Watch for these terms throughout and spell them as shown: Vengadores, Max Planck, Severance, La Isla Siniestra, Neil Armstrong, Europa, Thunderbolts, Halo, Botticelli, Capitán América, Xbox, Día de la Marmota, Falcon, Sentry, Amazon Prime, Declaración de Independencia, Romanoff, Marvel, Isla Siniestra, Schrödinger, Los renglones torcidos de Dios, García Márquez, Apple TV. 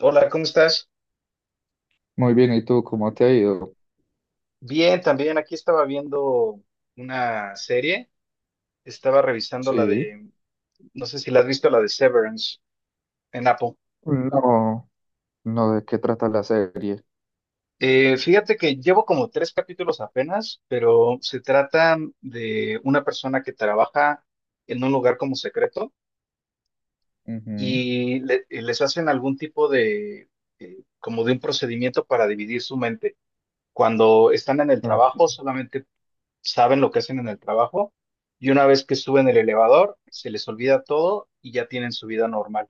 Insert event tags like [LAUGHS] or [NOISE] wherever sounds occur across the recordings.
Hola, ¿cómo estás? Muy bien, ¿y tú cómo te ha ido? Bien, también aquí estaba viendo una serie, estaba revisando la Sí, de, no sé si la has visto, la de Severance en Apple. no, no, ¿de qué trata la serie? Fíjate que llevo como tres capítulos apenas, pero se trata de una persona que trabaja en un lugar como secreto Ujú. y y les hacen algún tipo de, como de un procedimiento para dividir su mente. Cuando están en el Ok, trabajo, solamente saben lo que hacen en el trabajo, y una vez que suben el elevador, se les olvida todo y ya tienen su vida normal.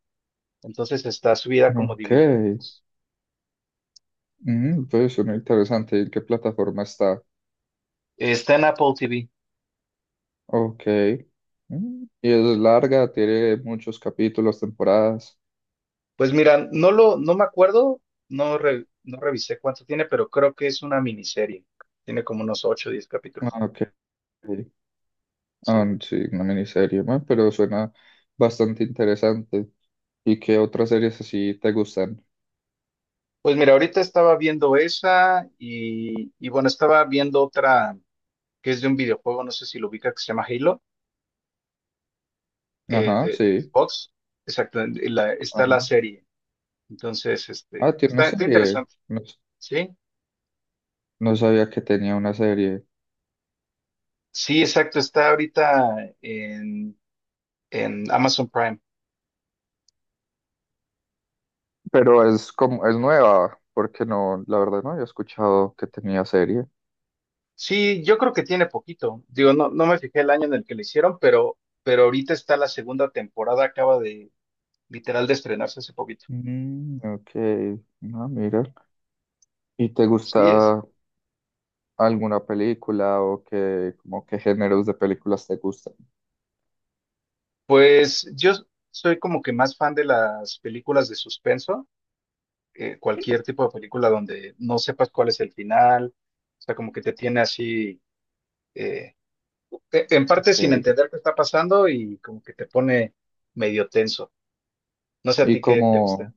Entonces está su vida como ok, dividida. Pues suena interesante, ¿en qué plataforma está? Está en Apple TV. Ok, y es larga, tiene muchos capítulos, temporadas. Pues mira, no me acuerdo, no, no revisé cuánto tiene, pero creo que es una miniserie. Tiene como unos 8 o 10 capítulos. Ah, ok. Sí. Ah, sí, una miniserie, bueno, pero suena bastante interesante. ¿Y qué otras series así te gustan? Pues mira, ahorita estaba viendo esa y, bueno, estaba viendo otra que es de un videojuego, no sé si lo ubica, que se llama Halo, Ajá, de sí, Xbox. Exacto, está la ajá. serie. Entonces, este, Ah, pues tiene una está serie, interesante, ¿sí? no sabía que tenía una serie. Sí, exacto, en Amazon Prime. Pero es como, es nueva, porque no, la verdad no había escuchado que tenía serie. Sí, yo creo que tiene poquito. Digo, no me fijé el año en el que lo hicieron, pero ahorita está la segunda temporada, acaba de literal de estrenarse hace poquito. Mm, ok, no, mira. ¿Y te Sí es. gusta alguna película o qué, como qué géneros de películas te gustan? Pues yo soy como que más fan de las películas de suspenso, cualquier tipo de película donde no sepas cuál es el final, o sea, como que te tiene así. eh, en parte sin Ok. entender qué está pasando y como que te pone medio tenso. No sé a Y ti qué te gusta. como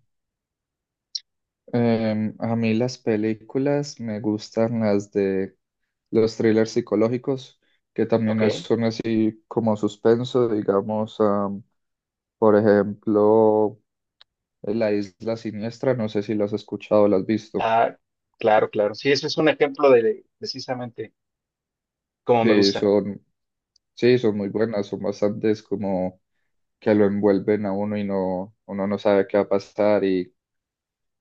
a mí las películas me gustan las de los thrillers psicológicos, que también Ok. son así como suspenso, digamos, am, por ejemplo. La Isla Siniestra, no sé si las has escuchado o las has visto. Ah, claro, claro. Sí, ese es un ejemplo de precisamente cómo me Sí, gusta. son, sí, son muy buenas, son bastantes como que lo envuelven a uno y no, uno no sabe qué va a pasar, y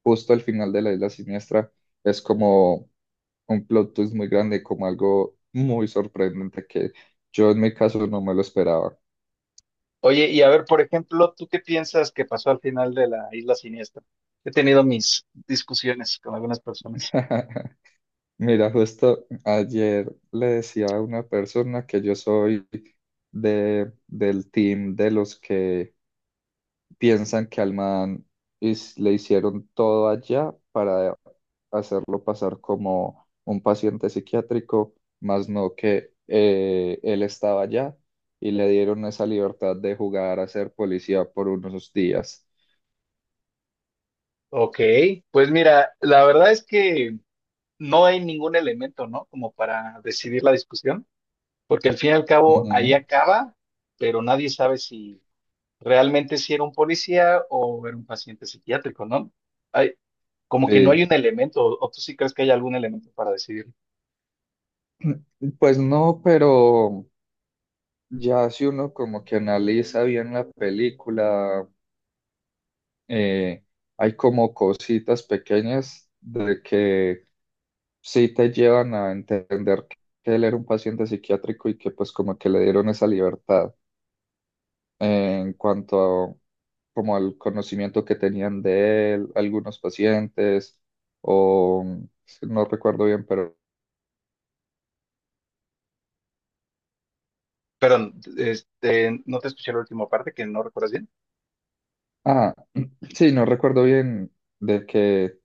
justo al final de La Isla Siniestra es como un plot twist muy grande, como algo muy sorprendente que yo en mi caso no me lo esperaba. Oye, y a ver, por ejemplo, ¿tú qué piensas que pasó al final de la Isla Siniestra? He tenido mis discusiones con algunas personas. [LAUGHS] Mira, justo ayer le decía a una persona que yo soy de, del team de los que piensan que al man le hicieron todo allá para hacerlo pasar como un paciente psiquiátrico, más no que él estaba allá y le dieron esa libertad de jugar a ser policía por unos días. Ok, pues mira, la verdad es que no hay ningún elemento, ¿no? Como para decidir la discusión, porque al fin y al cabo ahí Ujú. acaba, pero nadie sabe si realmente si era un policía o era un paciente psiquiátrico, ¿no? Hay, como que no hay Eh, un elemento, o tú sí crees que hay algún elemento para decidir. pues no, pero ya si uno como que analiza bien la película, eh, hay como cositas pequeñas de que sí te llevan a entender que él era un paciente psiquiátrico y que pues como que le dieron esa libertad en cuanto a, como al conocimiento que tenían de él algunos pacientes o si no recuerdo bien, pero Pero este, no te escuché la última parte, que no recuerdas bien. ah, [CLEARS THROAT] sí, no recuerdo bien de que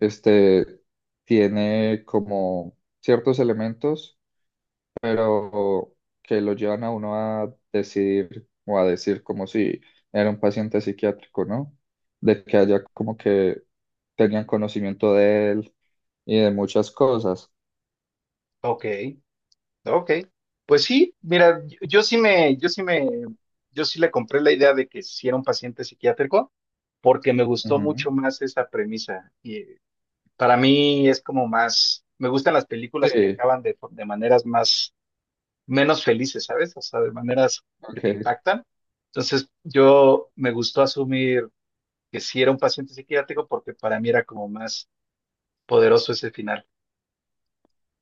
este tiene como ciertos elementos pero que lo llevan a uno a decidir o a decir como si era un paciente psiquiátrico, ¿no? De que haya como que tenían conocimiento de él y de muchas cosas. Ok, ok. Pues sí, mira, yo sí le compré la idea de que si era un paciente psiquiátrico, porque me gustó Ujú. mucho más esa premisa. Y para mí es como más, me gustan las películas que Sí, acaban de maneras más menos felices, ¿sabes? O sea, de maneras que ok. te impactan. Entonces, yo me gustó asumir que sí era un paciente psiquiátrico porque para mí era como más poderoso ese final.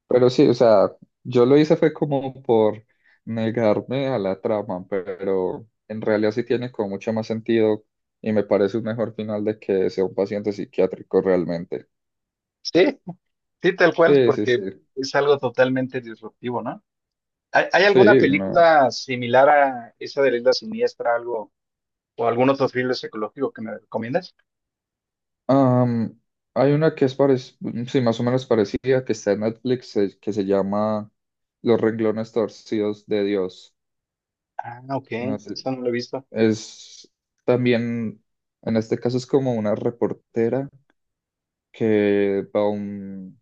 Pero sí, o sea, yo lo hice fue como por negarme a la trama, pero en realidad sí tiene como mucho más sentido y me parece un mejor final de que sea un paciente psiquiátrico realmente. Sí, sí, tal cual, Sí, sí, sí. porque es algo totalmente disruptivo, ¿no? Hay alguna Sí, no. película similar a esa de la isla siniestra, algo, o algún otro thriller psicológico que me recomiendas? Am, hay una que es sí, más o menos parecida, que está en Netflix, que se llama Los renglones torcidos de Dios. Ah, ok, No sé, esa no la he visto. es también, en este caso es como una reportera que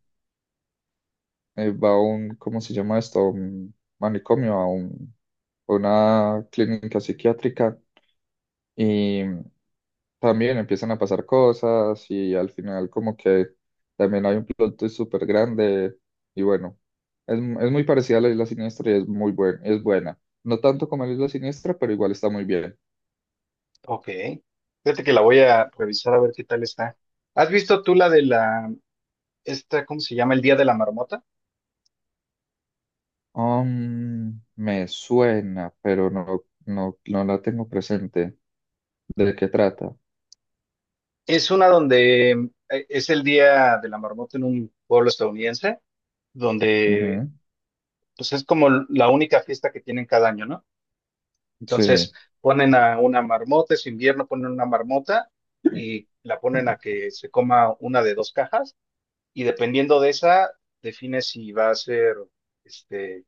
va a un, ¿cómo se llama esto? A un manicomio, a una clínica psiquiátrica, también empiezan a pasar cosas y al final como que también hay un plot twist súper grande y bueno, es muy parecida a La Isla Siniestra y es muy buena, es buena. No tanto como La Isla Siniestra, pero igual está muy bien. Ok, fíjate que la voy a revisar a ver qué tal está. ¿Has visto tú la de la esta, ¿cómo se llama? El Día de la Marmota. Me suena, pero no, no, no la tengo presente. ¿De qué trata? Es una donde es el Día de la Marmota en un pueblo estadounidense, donde Ujú. pues es como la única fiesta que tienen cada año, ¿no? Entonces Sí, ponen a una marmota, es invierno, ponen una marmota y la ponen a que se coma una de dos cajas y dependiendo de esa, define si va a ser, este,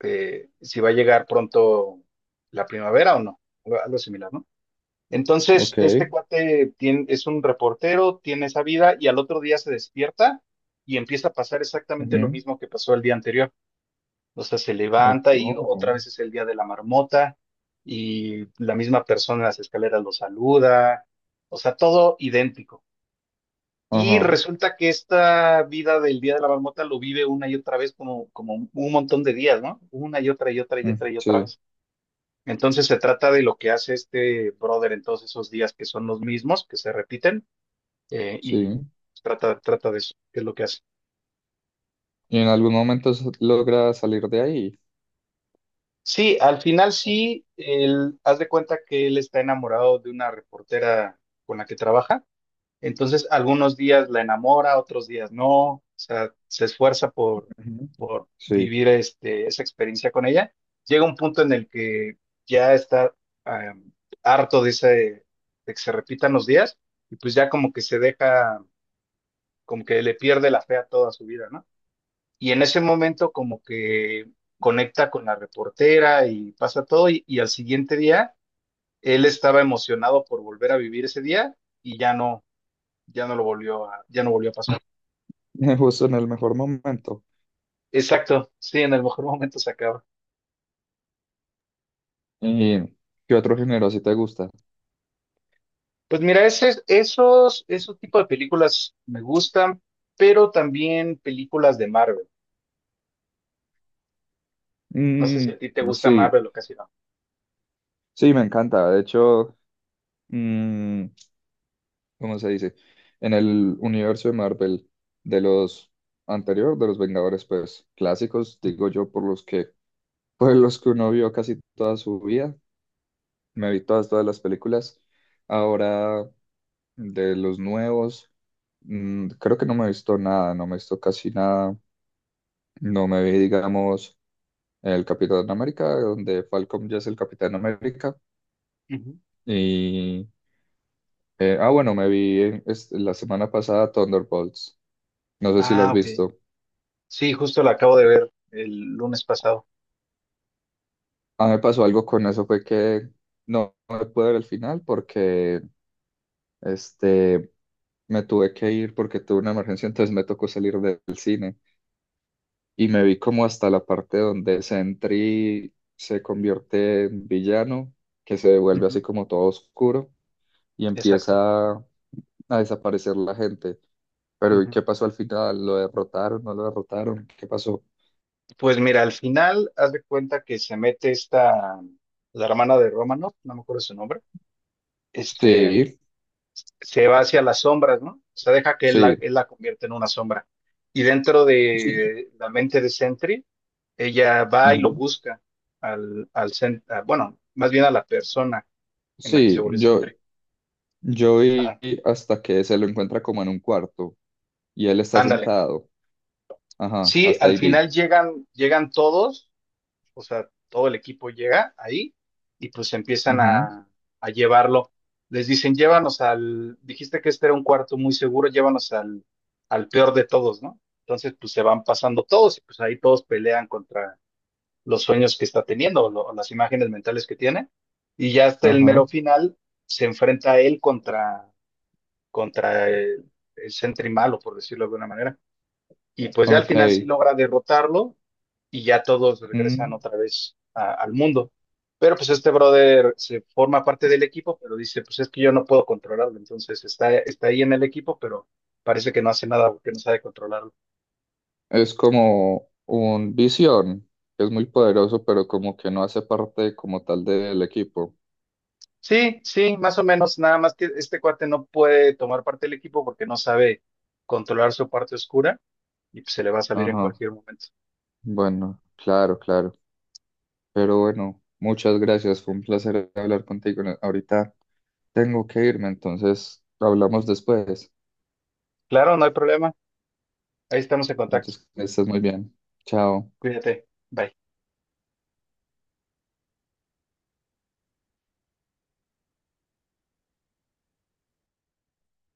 si va a llegar pronto la primavera o no, algo similar, ¿no? Entonces, ok. este cuate es un reportero, tiene esa vida y al otro día se despierta y empieza a pasar exactamente lo Ujú, mismo que pasó el día anterior. O sea, se ok, levanta y otra oh. vez es el día de la marmota y la misma persona en las escaleras lo saluda. O sea, todo idéntico. Y Ajá, resulta que esta vida del día de la marmota lo vive una y otra vez como, como un montón de días, ¿no? Una y otra y otra y otra y otra sí, vez. Entonces se trata de lo que hace este brother en todos esos días que son los mismos, que se repiten, eh, y sí. trata, trata de eso, que es lo que hace. ¿Y en algún momento logra salir de ahí? Sí, al final sí, él, haz de cuenta que él está enamorado de una reportera con la que trabaja. Entonces, algunos días la enamora, otros días no, o sea, Ujú. por Sí, vivir esa experiencia con ella. Llega un punto en el que ya está em, harto de que se repitan los días y pues ya como que se deja, como que le pierde la fe a toda su vida, ¿no? Y en ese momento como que conecta con la reportera y pasa todo y al siguiente día él estaba emocionado por volver a vivir ese día y ya no ya no lo volvió ya no volvió a pasar. [LAUGHS] justo en el mejor momento. Exacto, sí, en el mejor momento se acaba. ¿Y qué otro género si te gusta? Pues mira, esos tipos de películas me gustan, pero también películas de Marvel. No sé si Mm, a ti te gusta sí, Marvel o casi no. sí, me encanta. De hecho, mm, ¿cómo se dice? En el universo de Marvel, de los anterior, de los Vengadores, pues clásicos, Ujú, digo yo, por los que, [LAUGHS] por los que uno vio casi toda su vida, me vi todas, todas las películas. Ahora, de los nuevos, creo que no me he visto nada, no me he visto casi nada. No me vi, digamos, el Capitán América, donde Falcon ya es el Capitán América. ujú. Y, ah, bueno, me vi la semana pasada Thunderbolts. No sé si lo has Ah, ok. visto. Sí, justo la acabo de ver el lunes pasado. A mí me pasó algo con eso, fue que no, no me pude ver el final porque este, me tuve que ir porque tuve una emergencia, entonces me tocó salir del cine. Y me vi como hasta la parte donde Sentry se convierte en villano, que se vuelve así Ujú. como todo oscuro y Exacto. empieza a desaparecer la gente. Pero ¿y Ujú. qué pasó al final? ¿Lo derrotaron? ¿No lo derrotaron? ¿Qué pasó? Pues mira, al final, haz de cuenta que se mete esta, la hermana de Romanoff, no me acuerdo su nombre, este, Sí, se va hacia las sombras, ¿no? O sea, deja que sí, él la convierta en una sombra. Y dentro sí. de la mente de Sentry, ella va y lo Ujú. busca bueno, más bien a la persona en la que se Sí, volvió yo, Sentry. yo vi Ajá. hasta que se lo encuentra como en un cuarto y él está Ándale. sentado. Ajá, Sí, hasta al ahí vi. final llegan todos, o sea, todo el equipo llega ahí y pues empiezan Ujú. A llevarlo. Les dicen, llévanos al, dijiste que este era un cuarto muy seguro, al peor de todos, ¿no? Entonces, pues se van pasando todos y pues ahí todos pelean contra los sueños que está teniendo, o las imágenes mentales que tiene. Y ya hasta el Ajá, mero final se enfrenta a él contra el Sentry malo, por decirlo de alguna manera. Y pues ya al ok. final sí logra derrotarlo y ya todos regresan Mm. otra vez al mundo. Pero pues este brother se forma parte del equipo, pero dice, pues es que yo no puedo controlarlo. Entonces está ahí en el equipo, pero parece que no hace nada porque no sabe controlarlo. Es como un visión, que es muy poderoso, pero como que no hace parte como tal del equipo. Sí, sí, más o menos, nada más que este cuate no puede tomar parte del equipo porque no sabe controlar su parte oscura y pues se le va a salir en Ajá, cualquier momento. bueno, claro, claro. Pero bueno, muchas gracias. Fue un placer hablar contigo. Ahorita tengo que irme, entonces hablamos después. Claro, no hay problema. Ahí estamos en contacto. Entonces, que estés muy bien. Chao. Cuídate. Bye.